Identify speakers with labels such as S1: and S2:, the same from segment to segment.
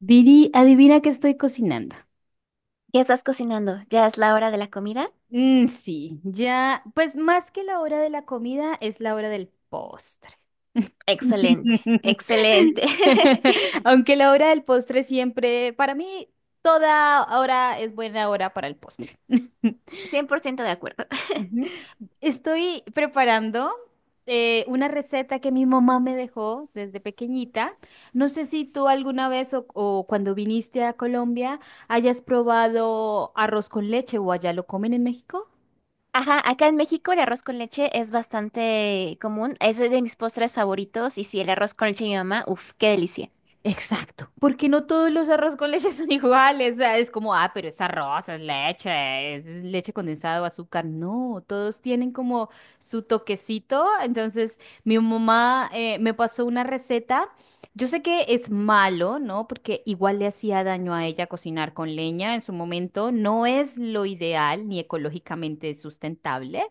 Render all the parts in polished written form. S1: Viri, adivina qué estoy cocinando.
S2: ¿Ya estás cocinando? ¿Ya es la hora de la comida?
S1: Sí, ya, pues más que la hora de la comida es la hora del postre.
S2: Excelente, excelente.
S1: Aunque la hora del postre siempre, para mí, toda hora es buena hora para el postre.
S2: 100% de acuerdo.
S1: Ujú. Estoy preparando una receta que mi mamá me dejó desde pequeñita. No sé si tú alguna vez o cuando viniste a Colombia hayas probado arroz con leche o allá lo comen en México.
S2: Ajá, acá en México el arroz con leche es bastante común. Es de mis postres favoritos. Y sí, el arroz con leche de mi mamá, uff, qué delicia.
S1: Exacto, porque no todos los arroz con leche son iguales, o sea, es como, ah, pero es arroz, es leche condensada o azúcar, no, todos tienen como su toquecito, entonces mi mamá me pasó una receta, yo sé que es malo, ¿no? Porque igual le hacía daño a ella cocinar con leña en su momento, no es lo ideal ni ecológicamente sustentable,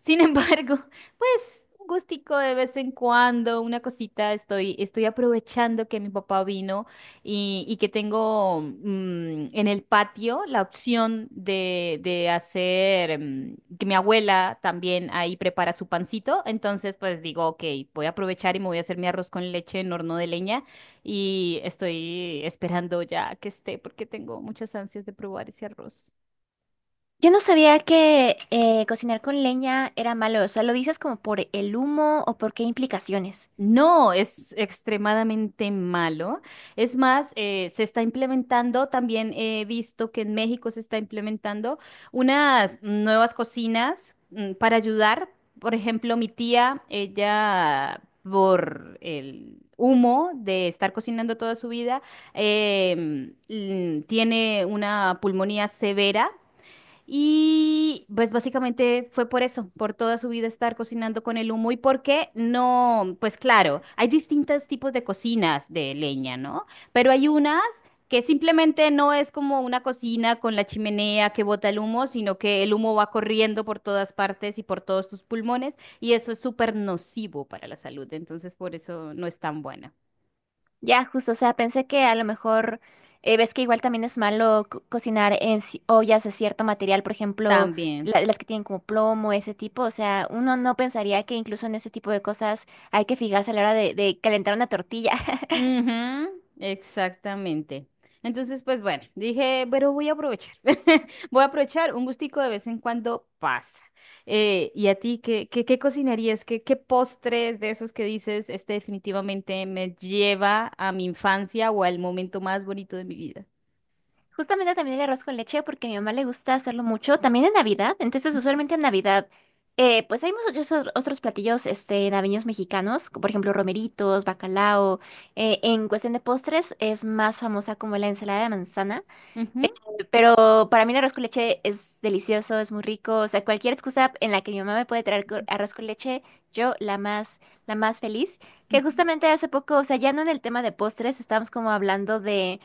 S1: sin embargo... Pues un gustico de vez en cuando, una cosita, estoy aprovechando que mi papá vino y que tengo en el patio la opción de hacer, que mi abuela también ahí prepara su pancito, entonces pues digo, ok, voy a aprovechar y me voy a hacer mi arroz con leche en horno de leña y estoy esperando ya que esté porque tengo muchas ansias de probar ese arroz.
S2: Yo no sabía que cocinar con leña era malo. O sea, ¿lo dices como por el humo o por qué implicaciones?
S1: No, es extremadamente malo. Es más, se está implementando, también he visto que en México se está implementando unas nuevas cocinas para ayudar. Por ejemplo, mi tía, ella por el humo de estar cocinando toda su vida, tiene una pulmonía severa. Y pues básicamente fue por eso, por toda su vida estar cocinando con el humo y por qué no, pues claro, hay distintos tipos de cocinas de leña, ¿no? Pero hay unas que simplemente no es como una cocina con la chimenea que bota el humo, sino que el humo va corriendo por todas partes y por todos tus pulmones y eso es súper nocivo para la salud, entonces por eso no es tan buena.
S2: Ya, justo, o sea, pensé que a lo mejor ves que igual también es malo cocinar en ollas de cierto material, por ejemplo,
S1: También.
S2: las que tienen como plomo, ese tipo, o sea, uno no pensaría que incluso en ese tipo de cosas hay que fijarse a la hora de calentar una tortilla.
S1: Ujú, exactamente. Entonces, pues bueno, dije, pero voy a aprovechar. Voy a aprovechar un gustico de vez en cuando pasa. ¿Y a ti qué cocinarías? Qué postres de esos que dices, este definitivamente me lleva a mi infancia o al momento más bonito de mi vida?
S2: Justamente también el arroz con leche, porque a mi mamá le gusta hacerlo mucho, también en Navidad, entonces usualmente en Navidad, pues hay muchos otros platillos este, navideños mexicanos, como por ejemplo romeritos, bacalao, en cuestión de postres es más famosa como la ensalada de manzana.
S1: Ujú,
S2: Pero para mí el arroz con leche es delicioso, es muy rico. O sea, cualquier excusa en la que mi mamá me puede traer arroz con leche, yo la más feliz. Que
S1: ujú,
S2: justamente hace poco, o sea, ya no en el tema de postres, estábamos como hablando de,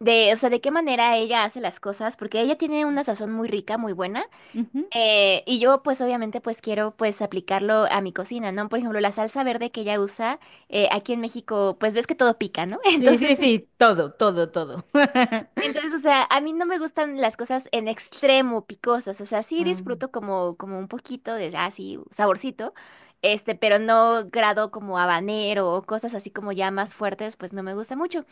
S2: o sea, de qué manera ella hace las cosas, porque ella tiene una sazón muy rica, muy buena.
S1: ujú.
S2: Y yo, pues, obviamente, pues quiero, pues, aplicarlo a mi cocina, ¿no? Por ejemplo, la salsa verde que ella usa, aquí en México, pues ves que todo pica, ¿no?
S1: Sí,
S2: Entonces,
S1: sí, sí, todo, todo, todo.
S2: entonces, o sea, a mí no me gustan las cosas en extremo picosas, o sea, sí
S1: Ah,
S2: disfruto como, como un poquito de, así saborcito, este, pero no grado como habanero o cosas así como ya más fuertes, pues no me gusta mucho.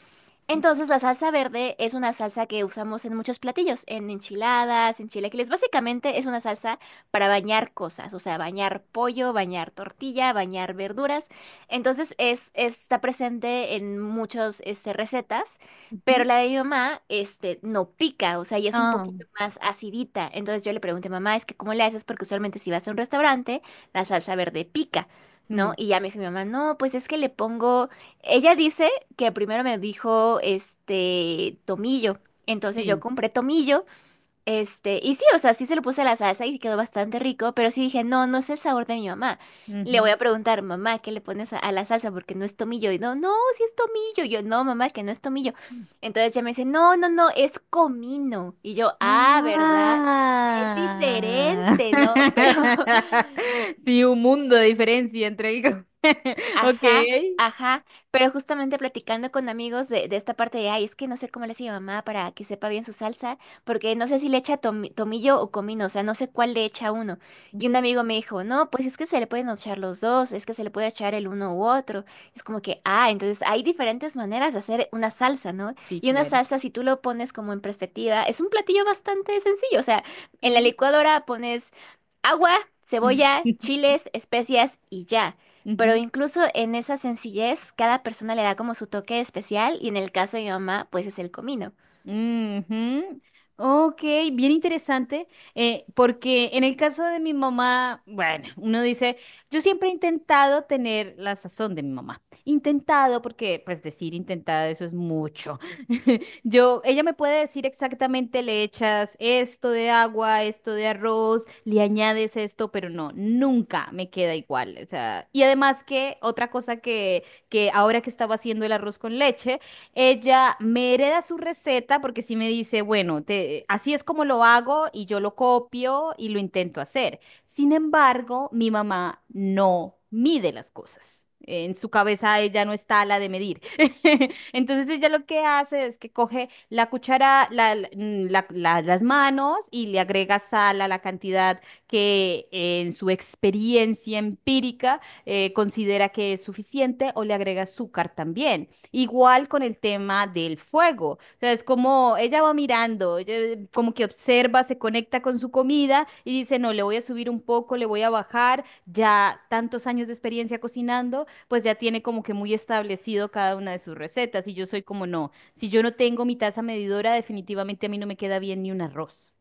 S2: Entonces, la salsa verde es una salsa que usamos en muchos platillos, en enchiladas, en chilaquiles. Básicamente es una salsa para bañar cosas, o sea, bañar pollo, bañar tortilla, bañar verduras. Entonces, es, está presente en muchas este, recetas, pero
S1: ujú.
S2: la de mi mamá este, no pica, o sea, y es un
S1: Ah,
S2: poquito más acidita. Entonces, yo le pregunté, mamá, es que ¿cómo le haces? Porque usualmente si vas a un restaurante, la salsa verde pica,
S1: mm,
S2: ¿no? Y ya me dijo mi mamá, no, pues es que le pongo... Ella dice que primero me dijo este tomillo. Entonces yo
S1: sí.
S2: compré tomillo, este, y sí, o sea, sí se lo puse a la salsa y quedó bastante rico, pero sí dije, no, no es el sabor de mi mamá. Le voy
S1: Ujú.
S2: a preguntar, mamá, ¿qué le pones a la salsa? Porque no es tomillo. Y no, no, sí es tomillo. Y yo, no, mamá, que no es tomillo. Entonces ella me dice, no, no, no, es comino. Y yo, ah, ¿verdad? Es
S1: Ah.
S2: diferente, ¿no? Pero
S1: Sí, un mundo de diferencia entre el... co- Ok.
S2: Ajá, ajá, pero justamente platicando con amigos de esta parte de, ay, es que no sé cómo le hace mi mamá para que sepa bien su salsa, porque no sé si le echa tomillo o comino, o sea, no sé cuál le echa uno. Y un
S1: Ujú.
S2: amigo me dijo, no, pues es que se le pueden echar los dos, es que se le puede echar el uno u otro. Es como que, ah, entonces hay diferentes maneras de hacer una salsa, ¿no?
S1: Sí,
S2: Y una
S1: claro.
S2: salsa, si tú lo pones como en perspectiva, es un platillo bastante sencillo, o sea, en la
S1: Mm.
S2: licuadora pones agua, cebolla, chiles, especias y ya. Pero
S1: Ujú.
S2: incluso en esa sencillez, cada persona le da como su toque especial y en el caso de mi mamá, pues es el comino.
S1: Ujú. Ok, bien interesante, porque en el caso de mi mamá, bueno, uno dice, yo siempre he intentado tener la sazón de mi mamá. Intentado, porque pues decir intentado eso es mucho. Yo, ella me puede decir exactamente, le echas esto de agua, esto de arroz, le añades esto, pero no, nunca me queda igual. O sea, y además que otra cosa que ahora que estaba haciendo el arroz con leche, ella me hereda su receta porque sí me dice, bueno, te- así es como lo hago y yo lo copio y lo intento hacer. Sin embargo, mi mamá no mide las cosas. En su cabeza ella no está la de medir. Entonces ella lo que hace es que coge la cuchara, las manos y le agrega sal a la cantidad que en su experiencia empírica considera que es suficiente o le agrega azúcar también. Igual con el tema del fuego. O sea, es como ella va mirando, ella como que observa, se conecta con su comida y dice, no, le voy a subir un poco, le voy a bajar. Ya tantos años de experiencia cocinando, pues ya tiene como que muy establecido cada una de sus recetas. Y yo soy como, no, si yo no tengo mi taza medidora, definitivamente a mí no me queda bien ni un arroz.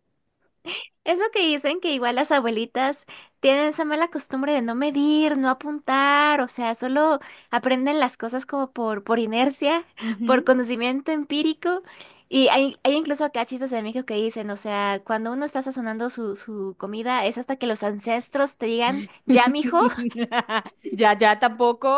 S2: Es lo que dicen que igual las abuelitas tienen esa mala costumbre de no medir, no apuntar, o sea, solo aprenden las cosas como por inercia, por
S1: Ujú.
S2: conocimiento empírico. Y hay incluso acá chistes de México que dicen, o sea, cuando uno está sazonando su, su comida, es hasta que los ancestros te digan, ya, mijo.
S1: Ya, ya tampoco.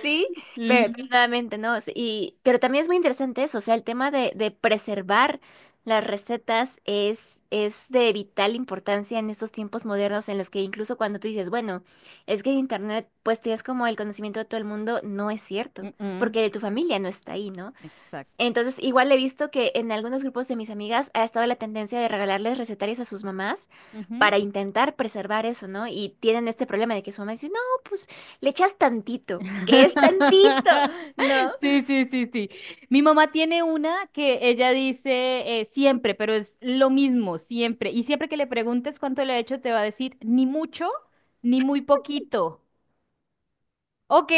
S2: Sí, pero
S1: Ujú.
S2: nuevamente, ¿no? Sí, y, pero también es muy interesante eso, o sea, el tema de preservar las recetas es de vital importancia en estos tiempos modernos en los que incluso cuando tú dices, bueno, es que en Internet pues tienes como el conocimiento de todo el mundo, no es cierto,
S1: Mm, mm.
S2: porque tu familia no está ahí, ¿no?
S1: Exacto.
S2: Entonces, igual he visto que en algunos grupos de mis amigas ha estado la tendencia de regalarles recetarios a sus mamás para intentar preservar eso, ¿no? Y tienen este problema de que su mamá dice, no, pues le echas tantito, que es tantito, ¿no?
S1: Sí, sí, sí, sí. Mi mamá tiene una que ella dice siempre, pero es lo mismo, siempre. Y siempre que le preguntes cuánto le ha hecho, te va a decir ni mucho, ni muy poquito. Ok,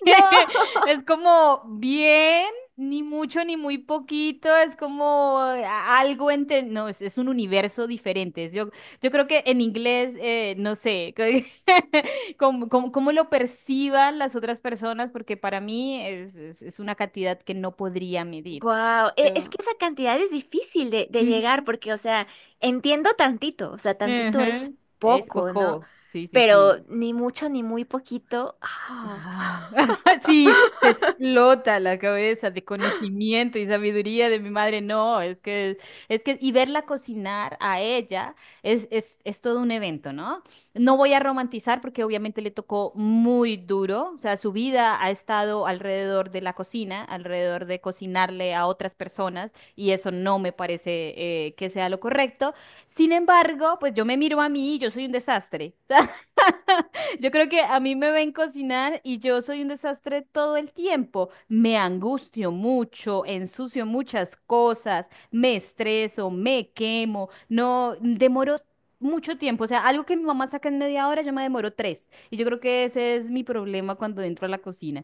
S2: No.
S1: es como bien, ni mucho ni muy poquito, es como a- algo entre, no, es un universo diferente. Es- Yo creo que en inglés, no sé, cómo, cómo lo perciban las otras personas, porque para mí es una cantidad que no podría medir.
S2: Wow, es que
S1: Pero,
S2: esa cantidad es difícil de llegar
S1: ujú,
S2: porque, o sea, entiendo tantito, o sea, tantito es
S1: ujú. Es
S2: poco, ¿no?
S1: poco, sí, sí, sí.
S2: Pero ni mucho ni muy poquito. Ah.
S1: Ah, sí, te explota la cabeza de conocimiento y sabiduría de mi madre. No, es que, y verla cocinar a ella es todo un evento, ¿no? No voy a romantizar porque obviamente le tocó muy duro, o sea, su vida ha estado alrededor de la cocina, alrededor de cocinarle a otras personas, y eso no me parece que sea lo correcto. Sin embargo, pues yo me miro a mí y yo soy un desastre. Yo creo que a mí me ven cocinar y yo soy un desastre todo el tiempo. Me angustio mucho, ensucio muchas cosas, me estreso, me quemo, no demoro mucho tiempo. O sea, algo que mi mamá saca en media hora, yo me demoro tres. Y yo creo que ese es mi problema cuando entro a la cocina.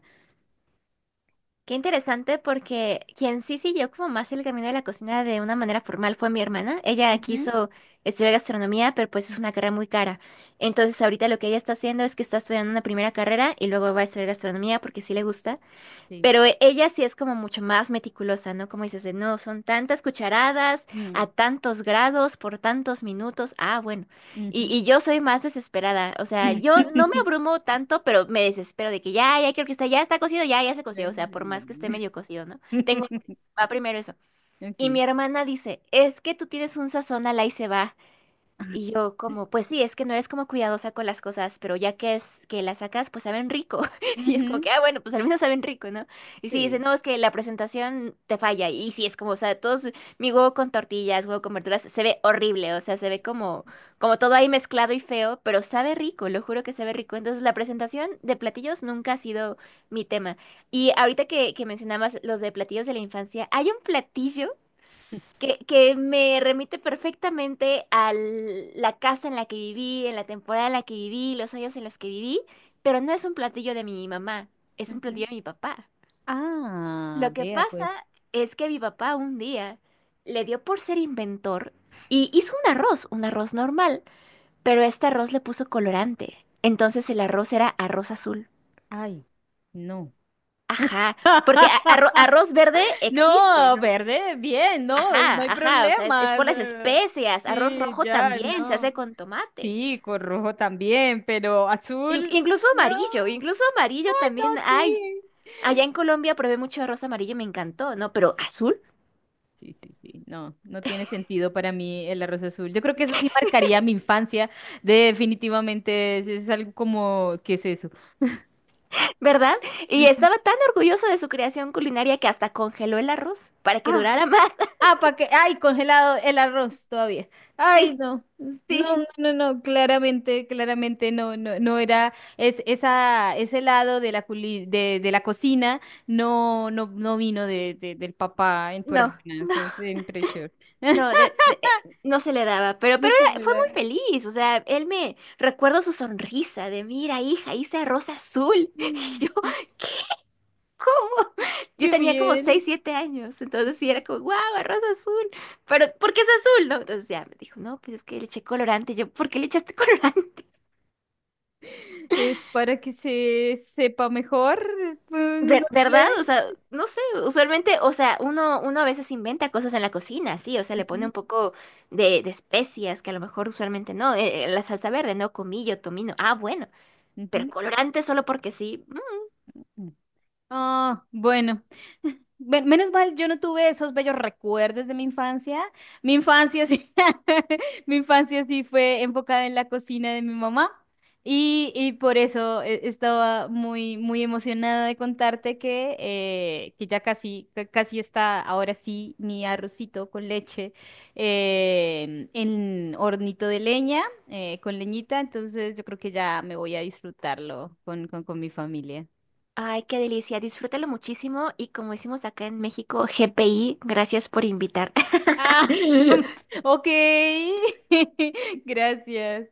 S2: Qué interesante porque quien sí siguió como más el camino de la cocina de una manera formal fue mi hermana. Ella
S1: Ujú,
S2: quiso estudiar gastronomía, pero pues es una carrera muy cara. Entonces ahorita lo que ella está haciendo es que está estudiando una primera carrera y luego va a estudiar gastronomía porque sí le gusta.
S1: sí.
S2: Pero ella sí es como mucho más meticulosa, ¿no? Como dices, de no, son tantas cucharadas,
S1: Mm,
S2: a tantos grados, por tantos minutos. Ah, bueno.
S1: ujú.
S2: Y yo soy más desesperada. O sea, yo no me abrumo tanto, pero me desespero de que ya, ya quiero que está, ya está cocido, ya, ya se coció. O sea, por más que esté medio cocido, ¿no? Tengo, va primero eso. Y mi
S1: Ok.
S2: hermana dice, es que tú tienes un sazón al ahí se va. Y yo como, pues sí, es que no eres como cuidadosa con las cosas, pero ya que es que las sacas, pues saben rico. Y es como
S1: Ujú,
S2: que, ah, bueno, pues al menos saben rico, ¿no? Y sí, dice,
S1: sí.
S2: no, es que la presentación te falla. Y sí, es como, o sea, todos, mi huevo con tortillas, huevo con verduras, se ve horrible, o sea, se ve como, como todo ahí mezclado y feo, pero sabe rico, lo juro que sabe rico. Entonces, la presentación de platillos nunca ha sido mi tema. Y ahorita que mencionabas los de platillos de la infancia, hay un platillo que me remite perfectamente a la casa en la que viví, en la temporada en la que viví, los años en los que viví, pero no es un platillo de mi mamá, es un platillo
S1: Ujú.
S2: de mi papá.
S1: Ah,
S2: Lo que
S1: vea pues.
S2: pasa es que mi papá un día le dio por ser inventor y hizo un arroz normal, pero este arroz le puso colorante. Entonces el arroz era arroz azul.
S1: Ay, no.
S2: Ajá, porque arroz verde existe,
S1: No,
S2: ¿no?
S1: verde, bien, no, no hay
S2: Ajá, ajá, o sea, es
S1: problemas.
S2: por las especias, arroz
S1: Sí,
S2: rojo
S1: ya,
S2: también se hace
S1: no.
S2: con tomate,
S1: Sí, con rojo también, pero azul, no,
S2: Incluso amarillo
S1: no,
S2: también hay.
S1: sí.
S2: Allá en Colombia probé mucho arroz amarillo, y me encantó, ¿no? Pero azul,
S1: Sí, sí, sí, no, no tiene sentido para mí el arroz azul. Yo creo que eso sí marcaría mi infancia, definitivamente, es algo como, ¿qué es eso?
S2: ¿verdad? Y estaba tan orgulloso de su creación culinaria que hasta congeló el arroz para que
S1: Ah,
S2: durara más.
S1: ah, para que, ay, congelado el arroz todavía. Ay,
S2: Sí,
S1: no,
S2: sí,
S1: no, no, no, no, claramente, claramente no era, es, esa, ese lado de la culi- de la cocina no, no, no vino de, del papá en tu
S2: no,
S1: hermana,
S2: no,
S1: eso es impresión.
S2: no, no se le daba,
S1: No
S2: pero
S1: sé,
S2: fue muy
S1: ¿verdad?
S2: feliz, o sea, él me recuerdo su sonrisa de, mira, hija, hice arroz azul.
S1: Qué
S2: Yo tenía como seis
S1: bien.
S2: siete años, entonces sí era como, wow, arroz azul, pero ¿por qué es azul? No, entonces ya me dijo, no, pues es que le eché colorante. Y yo, ¿por qué le echaste colorante?
S1: Es para que se sepa mejor, pues, no
S2: ¿Verdad? O
S1: sé.
S2: sea, no sé, usualmente, o sea, uno, uno a veces inventa cosas en la cocina, sí, o sea, le pone
S1: Ujú,
S2: un poco de especias que a lo mejor usualmente no, la salsa verde, no, comillo, tomino, ah, bueno, pero colorante solo porque sí. Mm.
S1: ujú. Ah, bueno. Menos mal, yo no tuve esos bellos recuerdos de mi infancia. Mi infancia sí, mi infancia sí fue enfocada en la cocina de mi mamá y por eso estaba muy, muy emocionada de contarte que ya casi, ca- casi está ahora sí mi arrocito con leche en hornito de leña, con leñita. Entonces yo creo que ya me voy a disfrutarlo con mi familia.
S2: Ay, qué delicia, disfrútalo muchísimo y como decimos acá en México, GPI, gracias por invitar.
S1: Ah, ok. Gracias.